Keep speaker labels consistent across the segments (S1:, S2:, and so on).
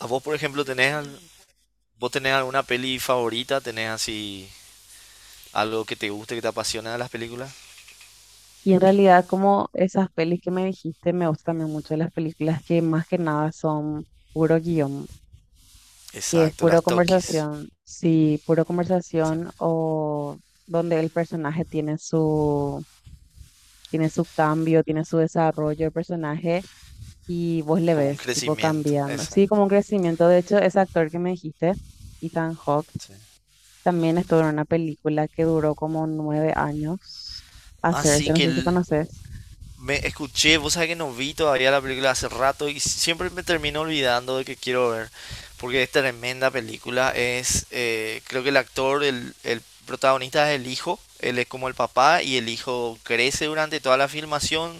S1: ¿A vos, por ejemplo, tenés, vos tenés alguna peli favorita? ¿Tenés así algo que te guste, que te apasiona de las películas?
S2: Y en realidad, como esas pelis que me dijiste, me gustan también mucho las películas que más que nada son puro guión, que es
S1: Exacto, las
S2: puro
S1: sí, Tokis.
S2: conversación, sí, puro
S1: Sí.
S2: conversación o donde el personaje tiene su cambio, tiene su desarrollo, el personaje, y vos le
S1: Como un
S2: ves tipo
S1: crecimiento,
S2: cambiando. Sí,
S1: exacto.
S2: como un crecimiento. De hecho, ese actor que me dijiste, Ethan Hawke,
S1: Sí.
S2: también estuvo en una película que duró como 9 años
S1: Así
S2: hacerse, no
S1: que
S2: sé si
S1: el,
S2: conoces.
S1: me escuché, vos sabés que no vi todavía la película hace rato y siempre me termino olvidando de que quiero ver, porque es tremenda película. Es, creo que el actor, el protagonista es el hijo, él es como el papá y el hijo crece durante toda la filmación,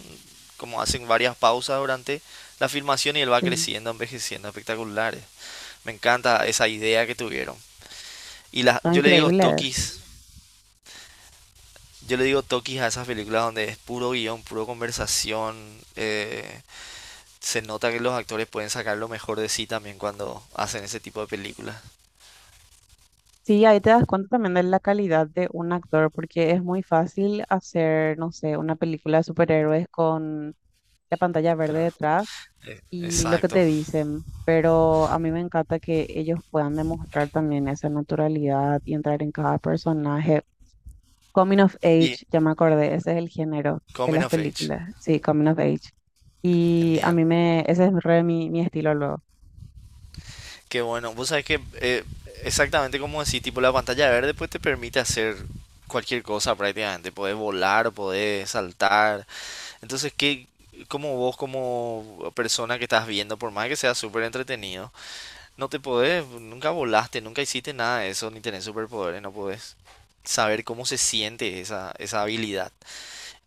S1: como hacen varias pausas durante la filmación y él va
S2: Sí.
S1: creciendo, envejeciendo, espectaculares. Me encanta esa idea que tuvieron. Y la,
S2: Son
S1: yo le digo
S2: increíbles.
S1: toquis, yo le digo toquis a esas películas donde es puro guión, puro conversación, se nota que los actores pueden sacar lo mejor de sí también cuando hacen ese tipo de películas.
S2: Sí, ahí te das cuenta también de la calidad de un actor, porque es muy fácil hacer, no sé, una película de superhéroes con la pantalla verde
S1: Claro.
S2: detrás y lo que
S1: Exacto.
S2: te dicen, pero a mí me encanta que ellos puedan demostrar también esa naturalidad y entrar en cada personaje. Coming of
S1: Y
S2: Age, ya me acordé, ese es el género de
S1: Coming
S2: las
S1: of Age.
S2: películas, sí, Coming of Age. Y a
S1: Genial.
S2: mí me, ese es re mi estilo luego.
S1: Qué bueno. Vos sabés que exactamente como decís, tipo la pantalla verde pues te permite hacer cualquier cosa prácticamente. Podés volar, podés saltar. Entonces, ¿qué, como vos, como persona que estás viendo, por más que sea súper entretenido, no te podés, nunca volaste, nunca hiciste nada de eso, ni tenés superpoderes, no podés saber cómo se siente esa habilidad.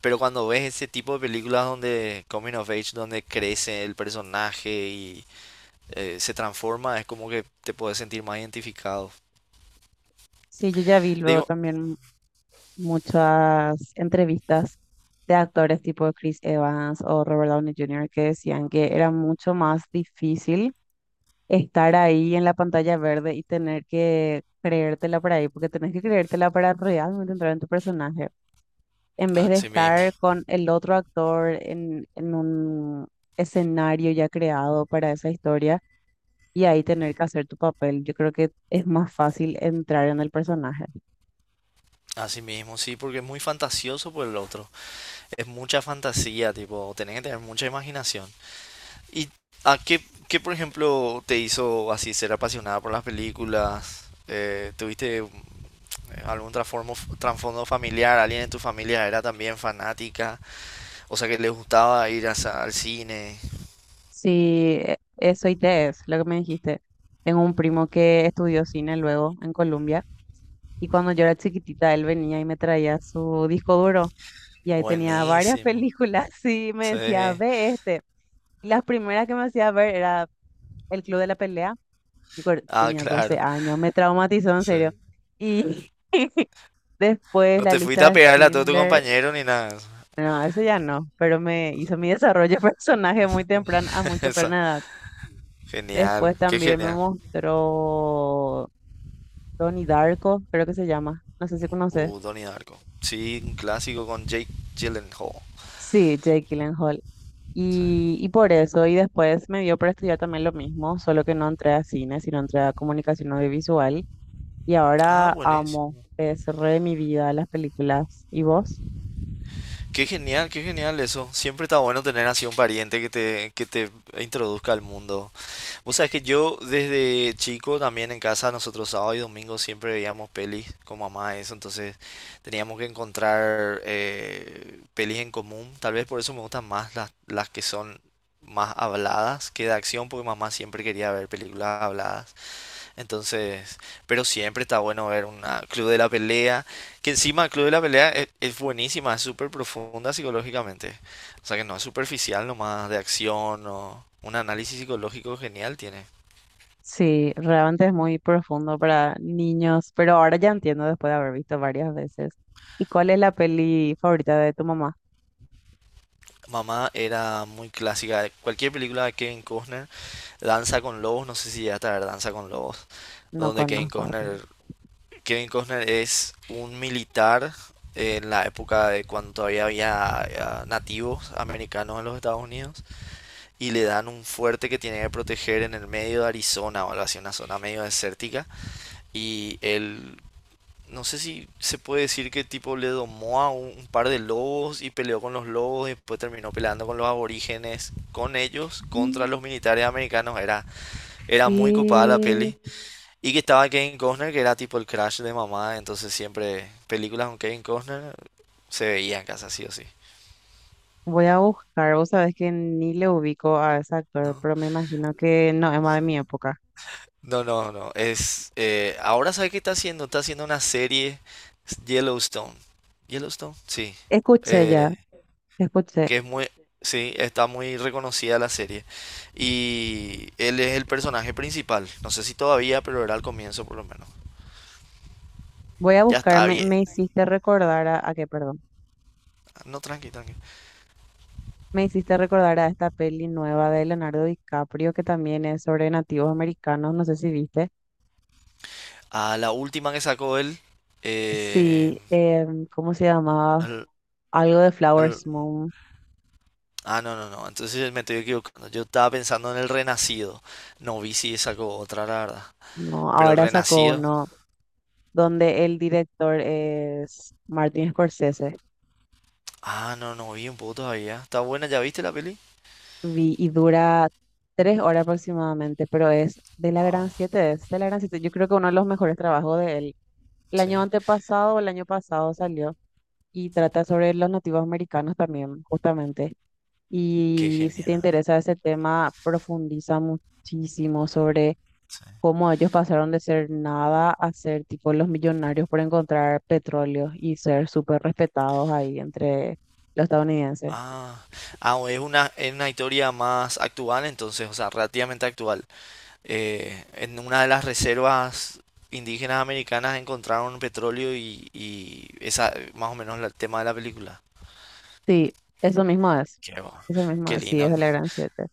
S1: Pero cuando ves ese tipo de películas donde Coming of Age, donde crece el personaje y se transforma, es como que te puedes sentir más identificado.
S2: Sí, yo ya vi luego
S1: Digo,
S2: también muchas entrevistas de actores tipo Chris Evans o Robert Downey Jr. que decían que era mucho más difícil estar ahí en la pantalla verde y tener que creértela para ahí, porque tenés que creértela para realmente entrar en tu personaje, en vez de
S1: así mismo,
S2: estar con el otro actor en un escenario ya creado para esa historia y ahí tener que hacer tu papel. Yo creo que es más fácil entrar en el personaje.
S1: así mismo, sí, porque es muy fantasioso por el otro. Es mucha fantasía, tipo, tenés que tener mucha imaginación. ¿Y a qué, qué, por ejemplo, te hizo así ser apasionada por las películas? ¿Tuviste algún trasfondo familiar? ¿Alguien en tu familia era también fanática? O sea, que le gustaba ir al cine.
S2: Sí, eso ITES, lo que me dijiste. Tengo un primo que estudió cine luego en Colombia y cuando yo era chiquitita él venía y me traía su disco duro y ahí tenía varias
S1: Buenísimo.
S2: películas y me decía,
S1: Sí.
S2: ve este. Y las primeras que me hacía ver era El Club de la Pelea.
S1: Ah,
S2: Tenía 12
S1: claro.
S2: años, me traumatizó en
S1: Sí.
S2: serio. Y después
S1: No
S2: La
S1: te fuiste a
S2: Lista de
S1: pegarle a todo tu
S2: Schindler,
S1: compañero ni nada.
S2: no, eso ya no, pero me hizo mi desarrollo de personaje muy temprano, a muy
S1: Esa.
S2: temprana edad.
S1: Genial.
S2: Después
S1: Qué
S2: también me
S1: genial.
S2: mostró Donnie Darko, creo que se llama. No sé si conoces.
S1: Donnie Darko. Sí, un clásico con Jake Gyllenhaal.
S2: Sí, Jake Gyllenhaal.
S1: Sí.
S2: Y por eso, y después me dio para estudiar también lo mismo, solo que no entré a cine, sino entré a comunicación audiovisual. Y
S1: Ah,
S2: ahora amo,
S1: buenísimo.
S2: es re mi vida las películas. ¿Y vos?
S1: Qué genial eso. Siempre está bueno tener así un pariente que te introduzca al mundo. Vos sabés que yo desde chico también en casa, nosotros sábado y domingo siempre veíamos pelis con mamá, eso. Entonces teníamos que encontrar pelis en común. Tal vez por eso me gustan más las que son más habladas que de acción, porque mamá siempre quería ver películas habladas. Entonces, pero siempre está bueno ver un Club de la Pelea, que encima el Club de la Pelea es buenísima, es súper profunda psicológicamente. O sea que no es superficial nomás de acción o un análisis psicológico genial tiene.
S2: Sí, realmente es muy profundo para niños, pero ahora ya entiendo después de haber visto varias veces. ¿Y cuál es la peli favorita de tu mamá?
S1: Mamá era muy clásica, cualquier película de Kevin Costner, Danza con Lobos, no sé si ya está Danza con Lobos,
S2: No
S1: donde Kevin
S2: conozco.
S1: Costner, Kevin Costner es un militar en la época de cuando todavía había nativos americanos en los Estados Unidos y le dan un fuerte que tiene que proteger en el medio de Arizona o algo así, una zona medio desértica. Y él, no sé si se puede decir que tipo le domó a un par de lobos y peleó con los lobos y después terminó peleando con los aborígenes, con ellos, contra
S2: Re.
S1: los militares americanos. Era, era muy copada la
S2: Y
S1: peli. Y que estaba Kevin Costner, que era tipo el crash de mamá, entonces siempre películas con Kevin Costner se veían casa sí o sí.
S2: voy a buscar, vos sabés que ni le ubico a ese actor,
S1: No,
S2: pero me imagino que no es más de mi época.
S1: no, no, no. Es, ahora sabe qué está haciendo. Está haciendo una serie Yellowstone. Yellowstone, sí.
S2: Escuché
S1: Eh,
S2: ya, escuché.
S1: que es muy, sí, está muy reconocida la serie. Y él es el personaje principal. No sé si todavía, pero era al comienzo por lo menos.
S2: Voy a
S1: Ya
S2: buscar,
S1: está
S2: me,
S1: bien.
S2: me hiciste recordar a qué, perdón.
S1: No, tranqui, tranqui.
S2: Me hiciste recordar a esta peli nueva de Leonardo DiCaprio que también es sobre nativos americanos, no sé si viste.
S1: A la última que sacó él. eh,
S2: Sí, ¿cómo se llamaba?
S1: al-
S2: Algo de
S1: al-
S2: Flowers Moon.
S1: ah, no, no, no. Entonces me estoy equivocando. Yo estaba pensando en el Renacido. No vi si sacó otra, la verdad.
S2: No,
S1: Pero el
S2: ahora sacó
S1: Renacido.
S2: uno donde el director es Martin Scorsese.
S1: Ah, no, no vi un poco todavía. ¿Está buena? ¿Ya viste la peli?
S2: Vi y dura 3 horas aproximadamente, pero es de la
S1: Wow,
S2: Gran Siete, es de la Gran Siete. Yo creo que uno de los mejores trabajos de él. El
S1: sí.
S2: año antepasado o el año pasado salió y trata sobre los nativos americanos también, justamente.
S1: Qué
S2: Y si te
S1: genial.
S2: interesa ese tema, profundiza muchísimo sobre
S1: Sí.
S2: cómo ellos pasaron de ser nada a ser tipo los millonarios por encontrar petróleo y ser súper respetados ahí entre los estadounidenses.
S1: Ah, ah, o es una historia más actual entonces, o sea, relativamente actual. En una de las reservas indígenas americanas encontraron petróleo y esa, más o menos el tema de la película.
S2: Sí, eso mismo es.
S1: Qué,
S2: Eso mismo
S1: qué
S2: es, sí,
S1: lindo.
S2: es de la Gran Siete.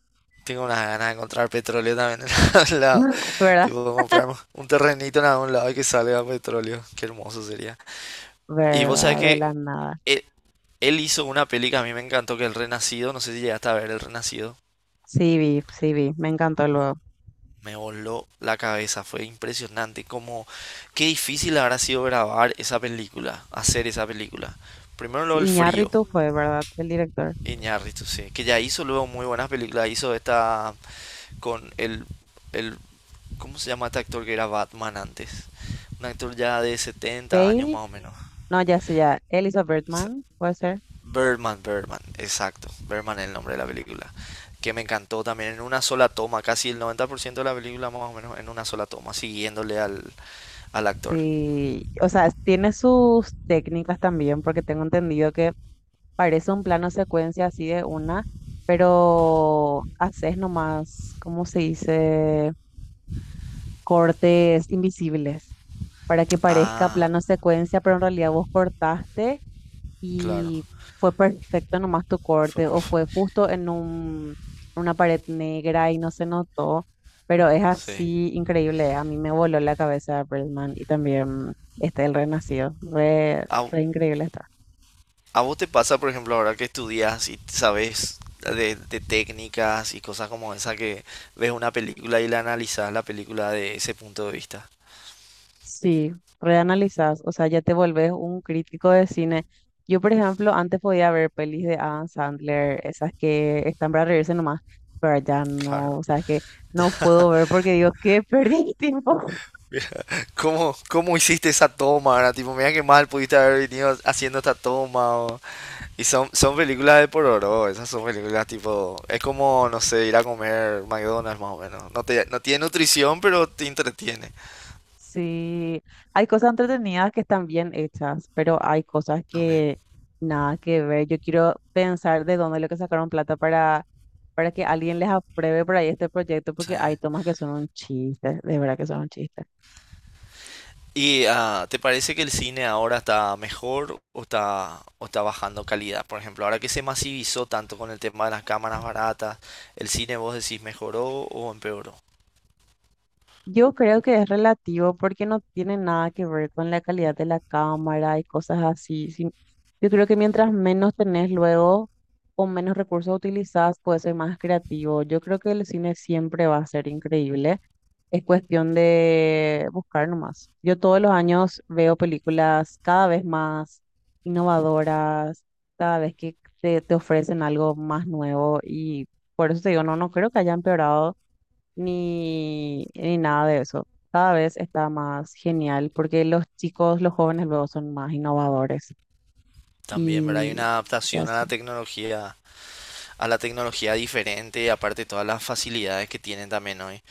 S1: Tengo unas ganas de encontrar petróleo también en algún lado.
S2: ¿Verdad?
S1: Tipo, comprar un terrenito en algún lado y que salga petróleo. Qué hermoso sería. Y vos sabés
S2: ¿Verdad? De la
S1: que
S2: nada.
S1: él, él hizo una peli que a mí me encantó, que es El Renacido. No sé si llegaste a ver El Renacido.
S2: Sí, vi, me encantó luego.
S1: Me voló la cabeza, fue impresionante. Como, qué difícil habrá sido grabar esa película, hacer esa película. Primero lo
S2: Sí,
S1: del frío,
S2: Iñárritu fue, ¿verdad? El director.
S1: Iñárritu, sí, que ya hizo luego muy buenas películas. Hizo esta con el, ¿cómo se llama este actor que era Batman antes? Un actor ya de 70 años
S2: Bale,
S1: más o menos.
S2: no, ya sé, ya. Elizabeth Bergman, puede ser.
S1: Birdman, Birdman, exacto. Birdman es el nombre de la película. Que me encantó también en una sola toma, casi el 90% de la película más o menos en una sola toma, siguiéndole al actor.
S2: Sí, o sea, tiene sus técnicas también, porque tengo entendido que parece un plano secuencia así de una, pero haces nomás, ¿cómo se dice? Cortes invisibles para que parezca
S1: Ah,
S2: plano secuencia, pero en realidad vos cortaste
S1: claro,
S2: y fue perfecto nomás tu
S1: fue
S2: corte o fue
S1: perfecto.
S2: justo en una pared negra y no se notó, pero es
S1: Sí.
S2: así increíble. A mí me voló la cabeza Birdman y también este El Renacido. Re,
S1: ¿A,
S2: re increíble está.
S1: a vos te pasa, por ejemplo, ahora que estudias y sabes de técnicas y cosas como esa que ves una película y la analizas la película de ese punto de vista?
S2: Sí, reanalizás, o sea, ya te volvés un crítico de cine. Yo, por ejemplo, antes podía ver pelis de Adam Sandler, esas que están para reírse nomás, pero ya
S1: Claro.
S2: no, o sea, que no puedo ver porque digo, qué perdí el tiempo.
S1: ¿Cómo, cómo hiciste esa toma? Ahora tipo, mira qué mal pudiste haber venido haciendo esta toma. Y son, son películas de pororó, esas son películas tipo, es como, no sé, ir a comer McDonald's más o menos. No te, no tiene nutrición, pero te entretiene
S2: Sí, hay cosas entretenidas que están bien hechas, pero hay cosas
S1: también.
S2: que nada que ver. Yo quiero pensar de dónde es lo que sacaron plata para que alguien les apruebe por ahí este proyecto,
S1: Sí.
S2: porque hay tomas que son un chiste, de verdad que son un chiste.
S1: ¿Y te parece que el cine ahora está mejor o está bajando calidad? Por ejemplo, ahora que se masivizó tanto con el tema de las cámaras baratas, ¿el cine vos decís mejoró o empeoró?
S2: Yo creo que es relativo porque no tiene nada que ver con la calidad de la cámara y cosas así. Sí, yo creo que mientras menos tenés luego o menos recursos utilizás, puede ser más creativo. Yo creo que el cine siempre va a ser increíble. Es cuestión de buscar nomás. Yo todos los años veo películas cada vez más innovadoras, cada vez que te ofrecen algo más nuevo y por eso te digo, no, no creo que haya empeorado ni nada de eso. Cada vez está más genial porque los chicos, los jóvenes luego son más innovadores
S1: También,
S2: y
S1: ¿verdad? Hay una
S2: y
S1: adaptación
S2: así.
S1: a la tecnología diferente, aparte todas las facilidades que tienen también hoy.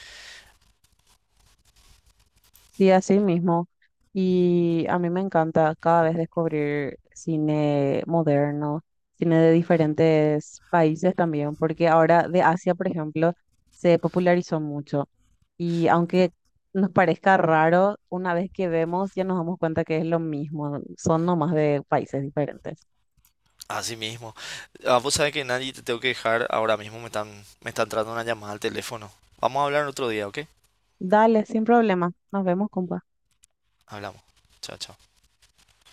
S2: Sí, así mismo. Y a mí me encanta cada vez descubrir cine moderno, cine de diferentes países también, porque ahora de Asia, por ejemplo, se popularizó mucho. Y aunque nos parezca raro, una vez que vemos ya nos damos cuenta que es lo mismo, son nomás de países diferentes.
S1: Así mismo. Ah, vos sabés que nadie te tengo que dejar. Ahora mismo me están, me está entrando una llamada al teléfono. Vamos a hablar otro día, ¿ok?
S2: Dale, sin problema. Nos vemos, compa.
S1: Hablamos. Chao, chao.